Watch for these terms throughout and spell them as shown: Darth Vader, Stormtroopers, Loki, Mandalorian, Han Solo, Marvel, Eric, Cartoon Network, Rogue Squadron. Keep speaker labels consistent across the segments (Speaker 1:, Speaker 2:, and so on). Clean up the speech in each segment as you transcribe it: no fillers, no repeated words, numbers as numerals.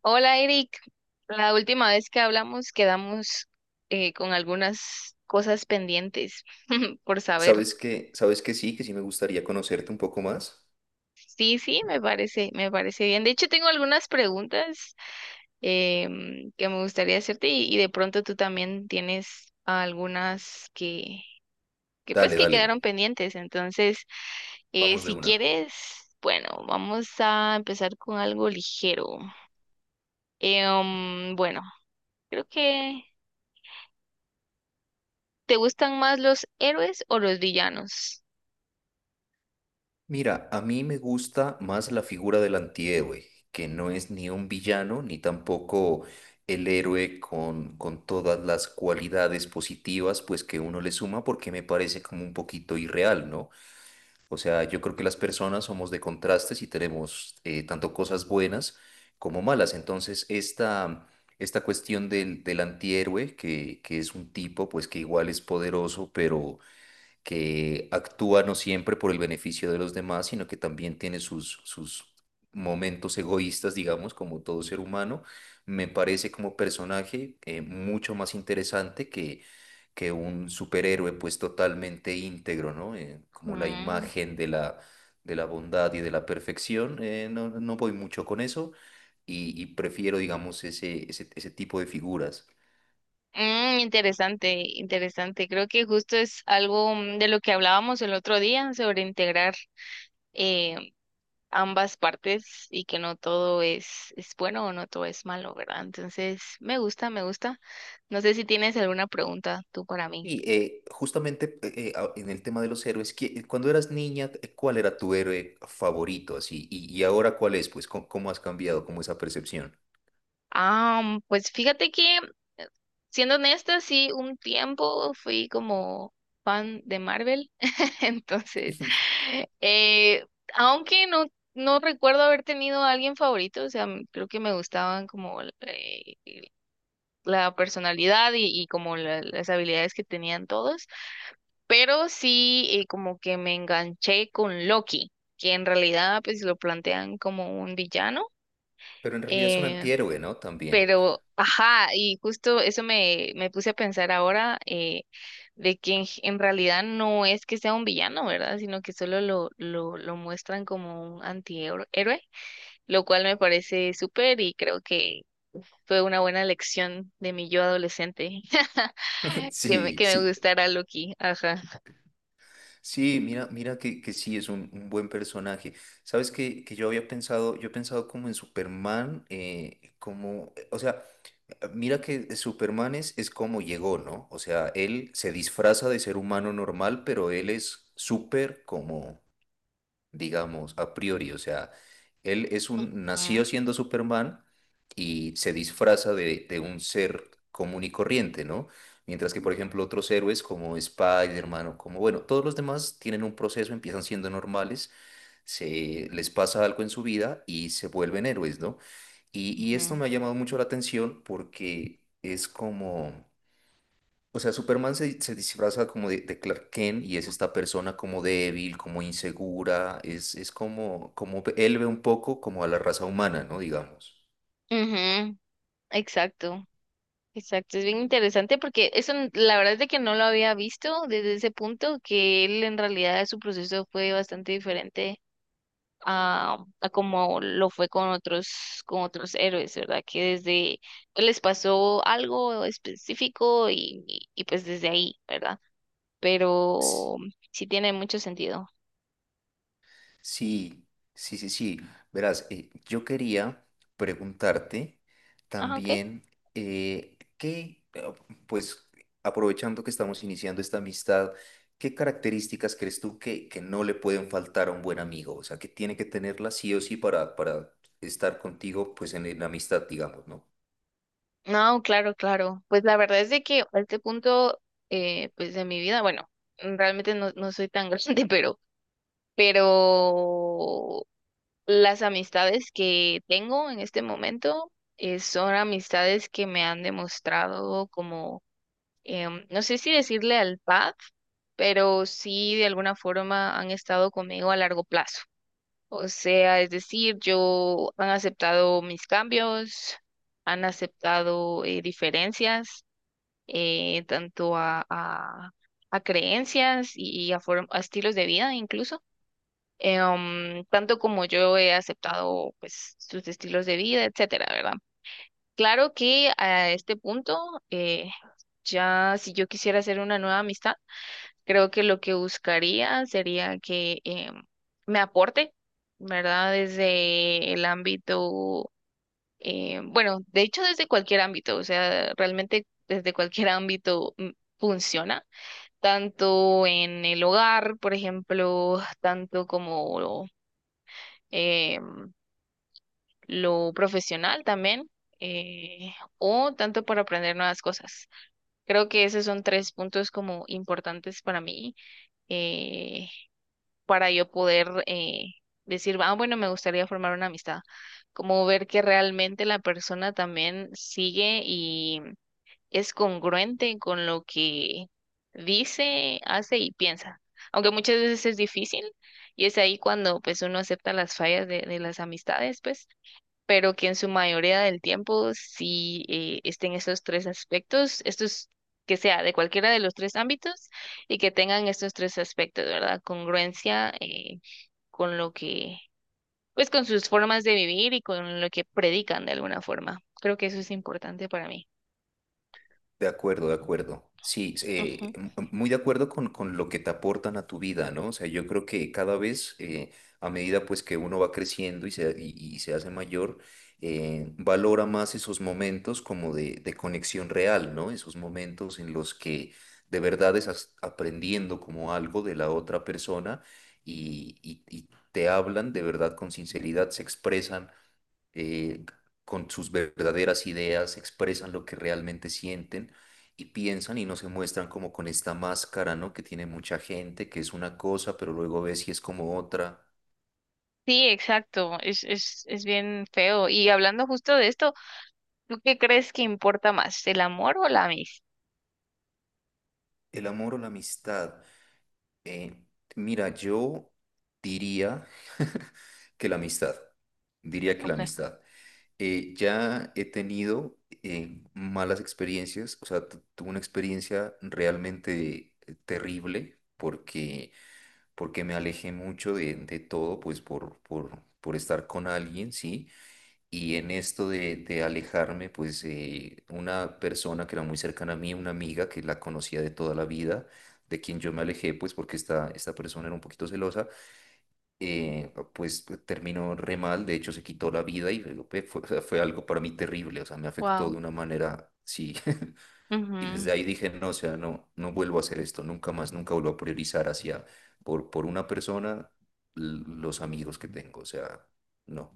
Speaker 1: Hola Eric, la última vez que hablamos quedamos con algunas cosas pendientes por saber.
Speaker 2: ¿Sabes que sí? Que sí me gustaría conocerte un poco más.
Speaker 1: Sí, sí, me parece bien. De hecho, tengo algunas preguntas que me gustaría hacerte y de pronto tú también tienes algunas que, que pues
Speaker 2: Dale,
Speaker 1: que
Speaker 2: dale,
Speaker 1: quedaron pendientes. Entonces,
Speaker 2: vamos de
Speaker 1: si
Speaker 2: una.
Speaker 1: quieres, bueno, vamos a empezar con algo ligero. Bueno, creo que ¿Te gustan más los héroes o los villanos?
Speaker 2: Mira, a mí me gusta más la figura del antihéroe, que no es ni un villano ni tampoco el héroe con todas las cualidades positivas pues que uno le suma porque me parece como un poquito irreal, ¿no? O sea, yo creo que las personas somos de contrastes y tenemos tanto cosas buenas como malas. Entonces, esta cuestión del antihéroe, que es un tipo pues que igual es poderoso, pero que actúa no siempre por el beneficio de los demás, sino que también tiene sus momentos egoístas, digamos, como todo ser humano, me parece como personaje mucho más interesante que un superhéroe pues totalmente íntegro, ¿no? Como la
Speaker 1: Mm.
Speaker 2: imagen de de la bondad y de la perfección, no voy mucho con eso y prefiero, digamos, ese tipo de figuras.
Speaker 1: Mm, interesante. Creo que justo es algo de lo que hablábamos el otro día sobre integrar eh, ambas partes y que no todo es bueno o no todo es malo, ¿verdad? Entonces, me gusta. No sé si tienes alguna pregunta tú para mí.
Speaker 2: En el tema de los héroes, cuando eras niña, ¿cuál era tu héroe favorito así? Y ahora ¿cuál es? Pues, ¿cómo has cambiado como esa percepción?
Speaker 1: Ah, pues fíjate que, siendo honesta, sí, un tiempo fui como fan de Marvel, entonces, eh, aunque no, no recuerdo haber tenido a alguien favorito, o sea, creo que me gustaban como la personalidad y como las habilidades que tenían todos, pero sí, como que me enganché con Loki, que en realidad pues lo plantean como un villano.
Speaker 2: Pero en realidad es un
Speaker 1: eh,
Speaker 2: antihéroe, ¿no? También.
Speaker 1: ajá, y justo eso me puse a pensar ahora, de que en realidad no es que sea un villano, ¿verdad? Sino que solo lo muestran como un héroe, lo cual me parece súper y creo que fue una buena lección de mi yo adolescente, que
Speaker 2: Sí,
Speaker 1: que me
Speaker 2: sí.
Speaker 1: gustara Loki, ajá.
Speaker 2: Sí, mira que sí es un buen personaje. Sabes que yo había pensado, yo he pensado como en Superman, o sea, mira que Superman es como llegó, ¿no? O sea, él se disfraza de ser humano normal, pero él es súper como digamos, a priori. O sea, él es un,
Speaker 1: Mm,
Speaker 2: nació siendo Superman y se disfraza de un ser común y corriente, ¿no? Mientras que, por ejemplo, otros héroes como Spider-Man o como, bueno, todos los demás tienen un proceso, empiezan siendo normales, se les pasa algo en su vida y se vuelven héroes, ¿no? Y esto
Speaker 1: ujú.
Speaker 2: me ha llamado mucho la atención porque es como... O sea, Superman se disfraza como de Clark Kent y es esta persona como débil, como insegura, es como, como él ve un poco como a la raza humana, ¿no? Digamos.
Speaker 1: Ujú. Exacto. Exacto, es bien interesante porque eso la verdad es de que no lo había visto desde ese punto, que él en realidad su proceso fue bastante diferente a como lo fue con con otros héroes, ¿verdad? Que desde pues, les pasó algo específico pues desde ahí, ¿verdad? Pero sí tiene mucho sentido.
Speaker 2: Sí, sí, sí, sí. Verás, yo quería preguntarte
Speaker 1: Ah, ok.
Speaker 2: también eh, qué, eh, pues aprovechando que estamos iniciando esta amistad, ¿qué características crees tú que no le pueden faltar a un buen amigo? O sea, que tiene que tenerla sí o sí para estar contigo, pues en amistad, digamos, ¿no?
Speaker 1: No, claro, claro. Pues la verdad es de que a este punto, pues de mi vida, bueno, realmente no soy tan grande, pero pero las amistades que tengo en este momento, son amistades que me han demostrado como, no sé si decirle al lealtad, pero sí de alguna forma han estado conmigo a largo plazo. O sea, es decir, yo han aceptado mis cambios, han aceptado, diferencias, eh, tanto a, a, a creencias y a estilos de vida incluso, tanto como yo he aceptado pues sus estilos de vida, etcétera, ¿verdad? Claro que a este punto, eh, ya si yo quisiera hacer una nueva amistad, creo que lo que buscaría sería que, me aporte, ¿verdad? Desde el ámbito, bueno, de hecho desde cualquier ámbito, o sea, realmente desde cualquier ámbito, funciona, tanto en el hogar, por ejemplo, tanto como eh, lo profesional también, eh, o tanto por aprender nuevas cosas. Creo que esos son tres puntos como importantes para mí, eh, para yo poder, decir, ah, bueno, me gustaría formar una amistad, como ver que realmente la persona también sigue y es congruente con lo que dice, hace y piensa. Aunque muchas veces es difícil y es ahí cuando pues uno acepta las fallas de las amistades, pues pero que en su mayoría del tiempo sí, estén esos tres aspectos, estos que sea de cualquiera de los tres ámbitos y que tengan estos tres aspectos, ¿verdad? Congruencia, con lo que, pues con sus formas de vivir y con lo que predican de alguna forma. Creo que eso es importante para mí.
Speaker 2: De acuerdo, de acuerdo. Sí,
Speaker 1: Ujú.
Speaker 2: muy de acuerdo con lo que te aportan a tu vida, ¿no? O sea, yo creo que cada vez, a medida pues que uno va creciendo y se hace mayor, valora más esos momentos como de conexión real, ¿no? Esos momentos en los que de verdad estás aprendiendo como algo de la otra persona y te hablan de verdad con sinceridad, se expresan eh, con sus verdaderas ideas, expresan lo que realmente sienten y piensan y no se muestran como con esta máscara, ¿no? Que tiene mucha gente, que es una cosa, pero luego ves si es como otra.
Speaker 1: Sí, exacto, es bien feo. Y hablando justo de esto, ¿tú qué crees que importa más, el amor o la amistad?
Speaker 2: El amor o la amistad. eh, Mira, yo diría que la amistad. Diría que la
Speaker 1: Okay.
Speaker 2: amistad. Ya he tenido malas experiencias, o sea, tuve una experiencia realmente terrible porque porque me alejé mucho de todo, pues por estar con alguien, ¿sí? Y en esto de alejarme, pues una persona que era muy cercana a mí, una amiga que la conocía de toda la vida, de quien yo me alejé, pues porque esta persona era un poquito celosa, pues terminó re mal, de hecho se quitó la vida y fue algo para mí terrible, o sea, me afectó
Speaker 1: Wow.
Speaker 2: de una manera, sí. Y desde ahí dije, no, o sea, no vuelvo a hacer esto, nunca más, nunca vuelvo a priorizar hacia, por una persona, los amigos que tengo, o sea, no.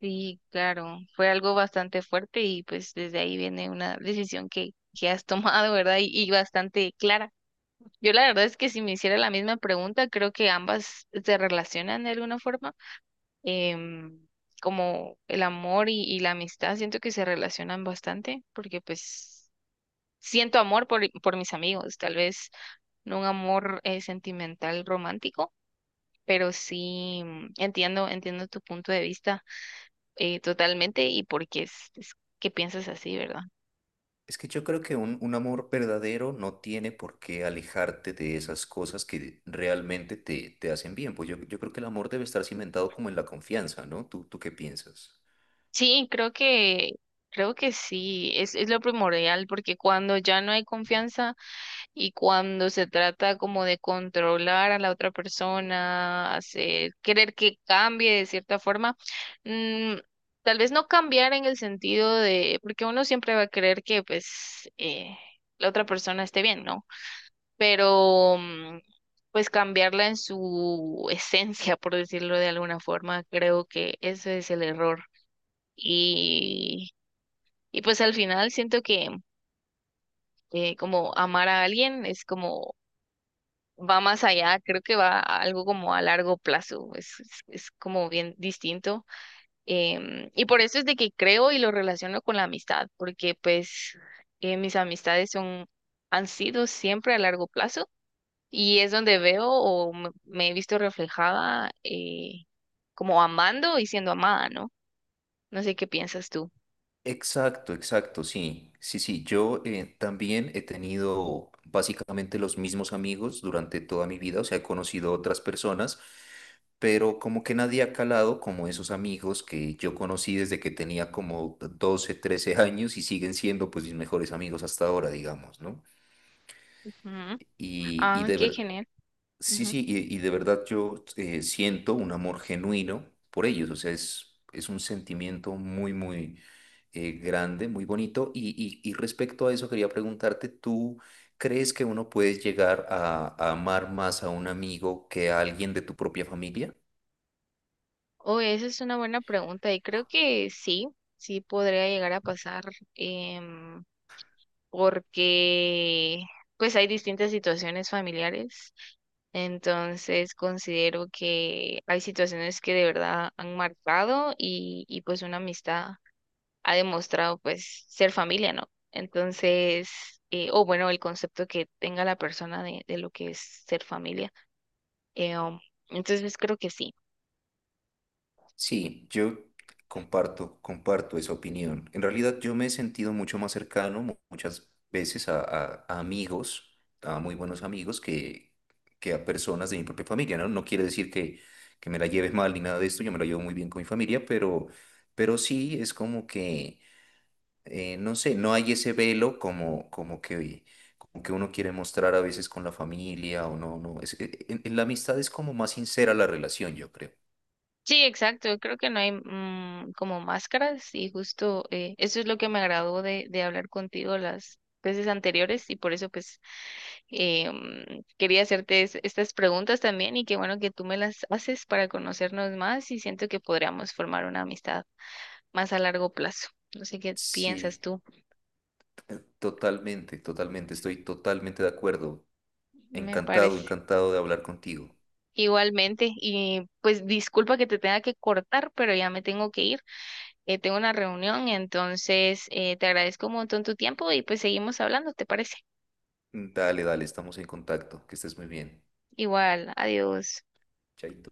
Speaker 1: Sí, claro, fue algo bastante fuerte y pues desde ahí viene una decisión que has tomado, ¿verdad? Y bastante clara. Yo la verdad es que si me hiciera la misma pregunta, creo que ambas se relacionan de alguna forma. Em, como el amor y la amistad, siento que se relacionan bastante porque pues siento amor por mis amigos, tal vez no un amor, sentimental romántico, pero sí, entiendo tu punto de vista, totalmente y porque es que piensas así, ¿verdad?
Speaker 2: Es que yo creo que un amor verdadero no tiene por qué alejarte de esas cosas que realmente te hacen bien. Pues yo creo que el amor debe estar cimentado como en la confianza, ¿no? Tú qué piensas?
Speaker 1: Sí, creo que sí, es lo primordial, porque cuando ya no hay confianza y cuando se trata como de controlar a la otra persona, hacer, querer que cambie de cierta forma, mm, tal vez no cambiar en el sentido de, porque uno siempre va a querer que pues, la otra persona esté bien, ¿no? Pero, pues cambiarla en su esencia, por decirlo de alguna forma, creo que ese es el error. Y, y pues al final siento que, como amar a alguien es como va más allá, creo que va a algo como a largo plazo, es como bien distinto. Y por eso es de que creo y lo relaciono con la amistad, porque pues, mis amistades son, han sido siempre a largo plazo. Y es donde veo o me he visto reflejada, como amando y siendo amada, ¿no? No sé qué piensas tú.
Speaker 2: Exacto, exacto, sí, sí, sí. Yo también he tenido básicamente los mismos amigos durante toda mi vida, o sea, he conocido otras personas, pero como que nadie ha calado como esos amigos que yo conocí desde que tenía como 12, 13 años y siguen siendo pues mis mejores amigos hasta ahora, digamos, ¿no?
Speaker 1: Ujú.
Speaker 2: Y, y
Speaker 1: Ah,
Speaker 2: de
Speaker 1: qué
Speaker 2: ver,
Speaker 1: genial.
Speaker 2: Sí,
Speaker 1: Ujú.
Speaker 2: sí, y de verdad yo siento un amor genuino por ellos, o sea, es un sentimiento muy grande, muy bonito. Y respecto a eso, quería preguntarte, ¿tú crees que uno puede llegar a amar más a un amigo que a alguien de tu propia familia?
Speaker 1: Oh, esa es una buena pregunta y creo que sí, sí podría llegar a pasar, em, porque pues hay distintas situaciones familiares. Entonces considero que hay situaciones que de verdad han marcado y pues una amistad ha demostrado pues ser familia, ¿no? Entonces, o bueno, el concepto que tenga la persona de lo que es ser familia. Eh, um, entonces, pues, creo que sí.
Speaker 2: Sí, yo comparto esa opinión. En realidad yo me he sentido mucho más cercano muchas veces a amigos, a muy buenos amigos, que a personas de mi propia familia, ¿no? No quiere decir que me la lleves mal ni nada de esto, yo me la llevo muy bien con mi familia, pero sí es como que, no sé, no hay ese velo como que uno quiere mostrar a veces con la familia o no, no. En la amistad es como más sincera la relación, yo creo.
Speaker 1: Sí, exacto. Creo que no hay, como máscaras y justo, eso es lo que me agradó de hablar contigo las veces anteriores y por eso pues, quería hacerte estas preguntas también y qué bueno que tú me las haces para conocernos más y siento que podríamos formar una amistad más a largo plazo. No sé qué piensas
Speaker 2: Sí.
Speaker 1: tú.
Speaker 2: Totalmente, totalmente, estoy totalmente de acuerdo.
Speaker 1: Me
Speaker 2: Encantado,
Speaker 1: parece.
Speaker 2: encantado de hablar contigo.
Speaker 1: Igualmente, y pues disculpa que te tenga que cortar, pero ya me tengo que ir. Tengo una reunión, entonces, te agradezco un montón tu tiempo y pues seguimos hablando, ¿te parece?
Speaker 2: Dale, dale, estamos en contacto. Que estés muy bien.
Speaker 1: Igual, adiós.
Speaker 2: Chaito.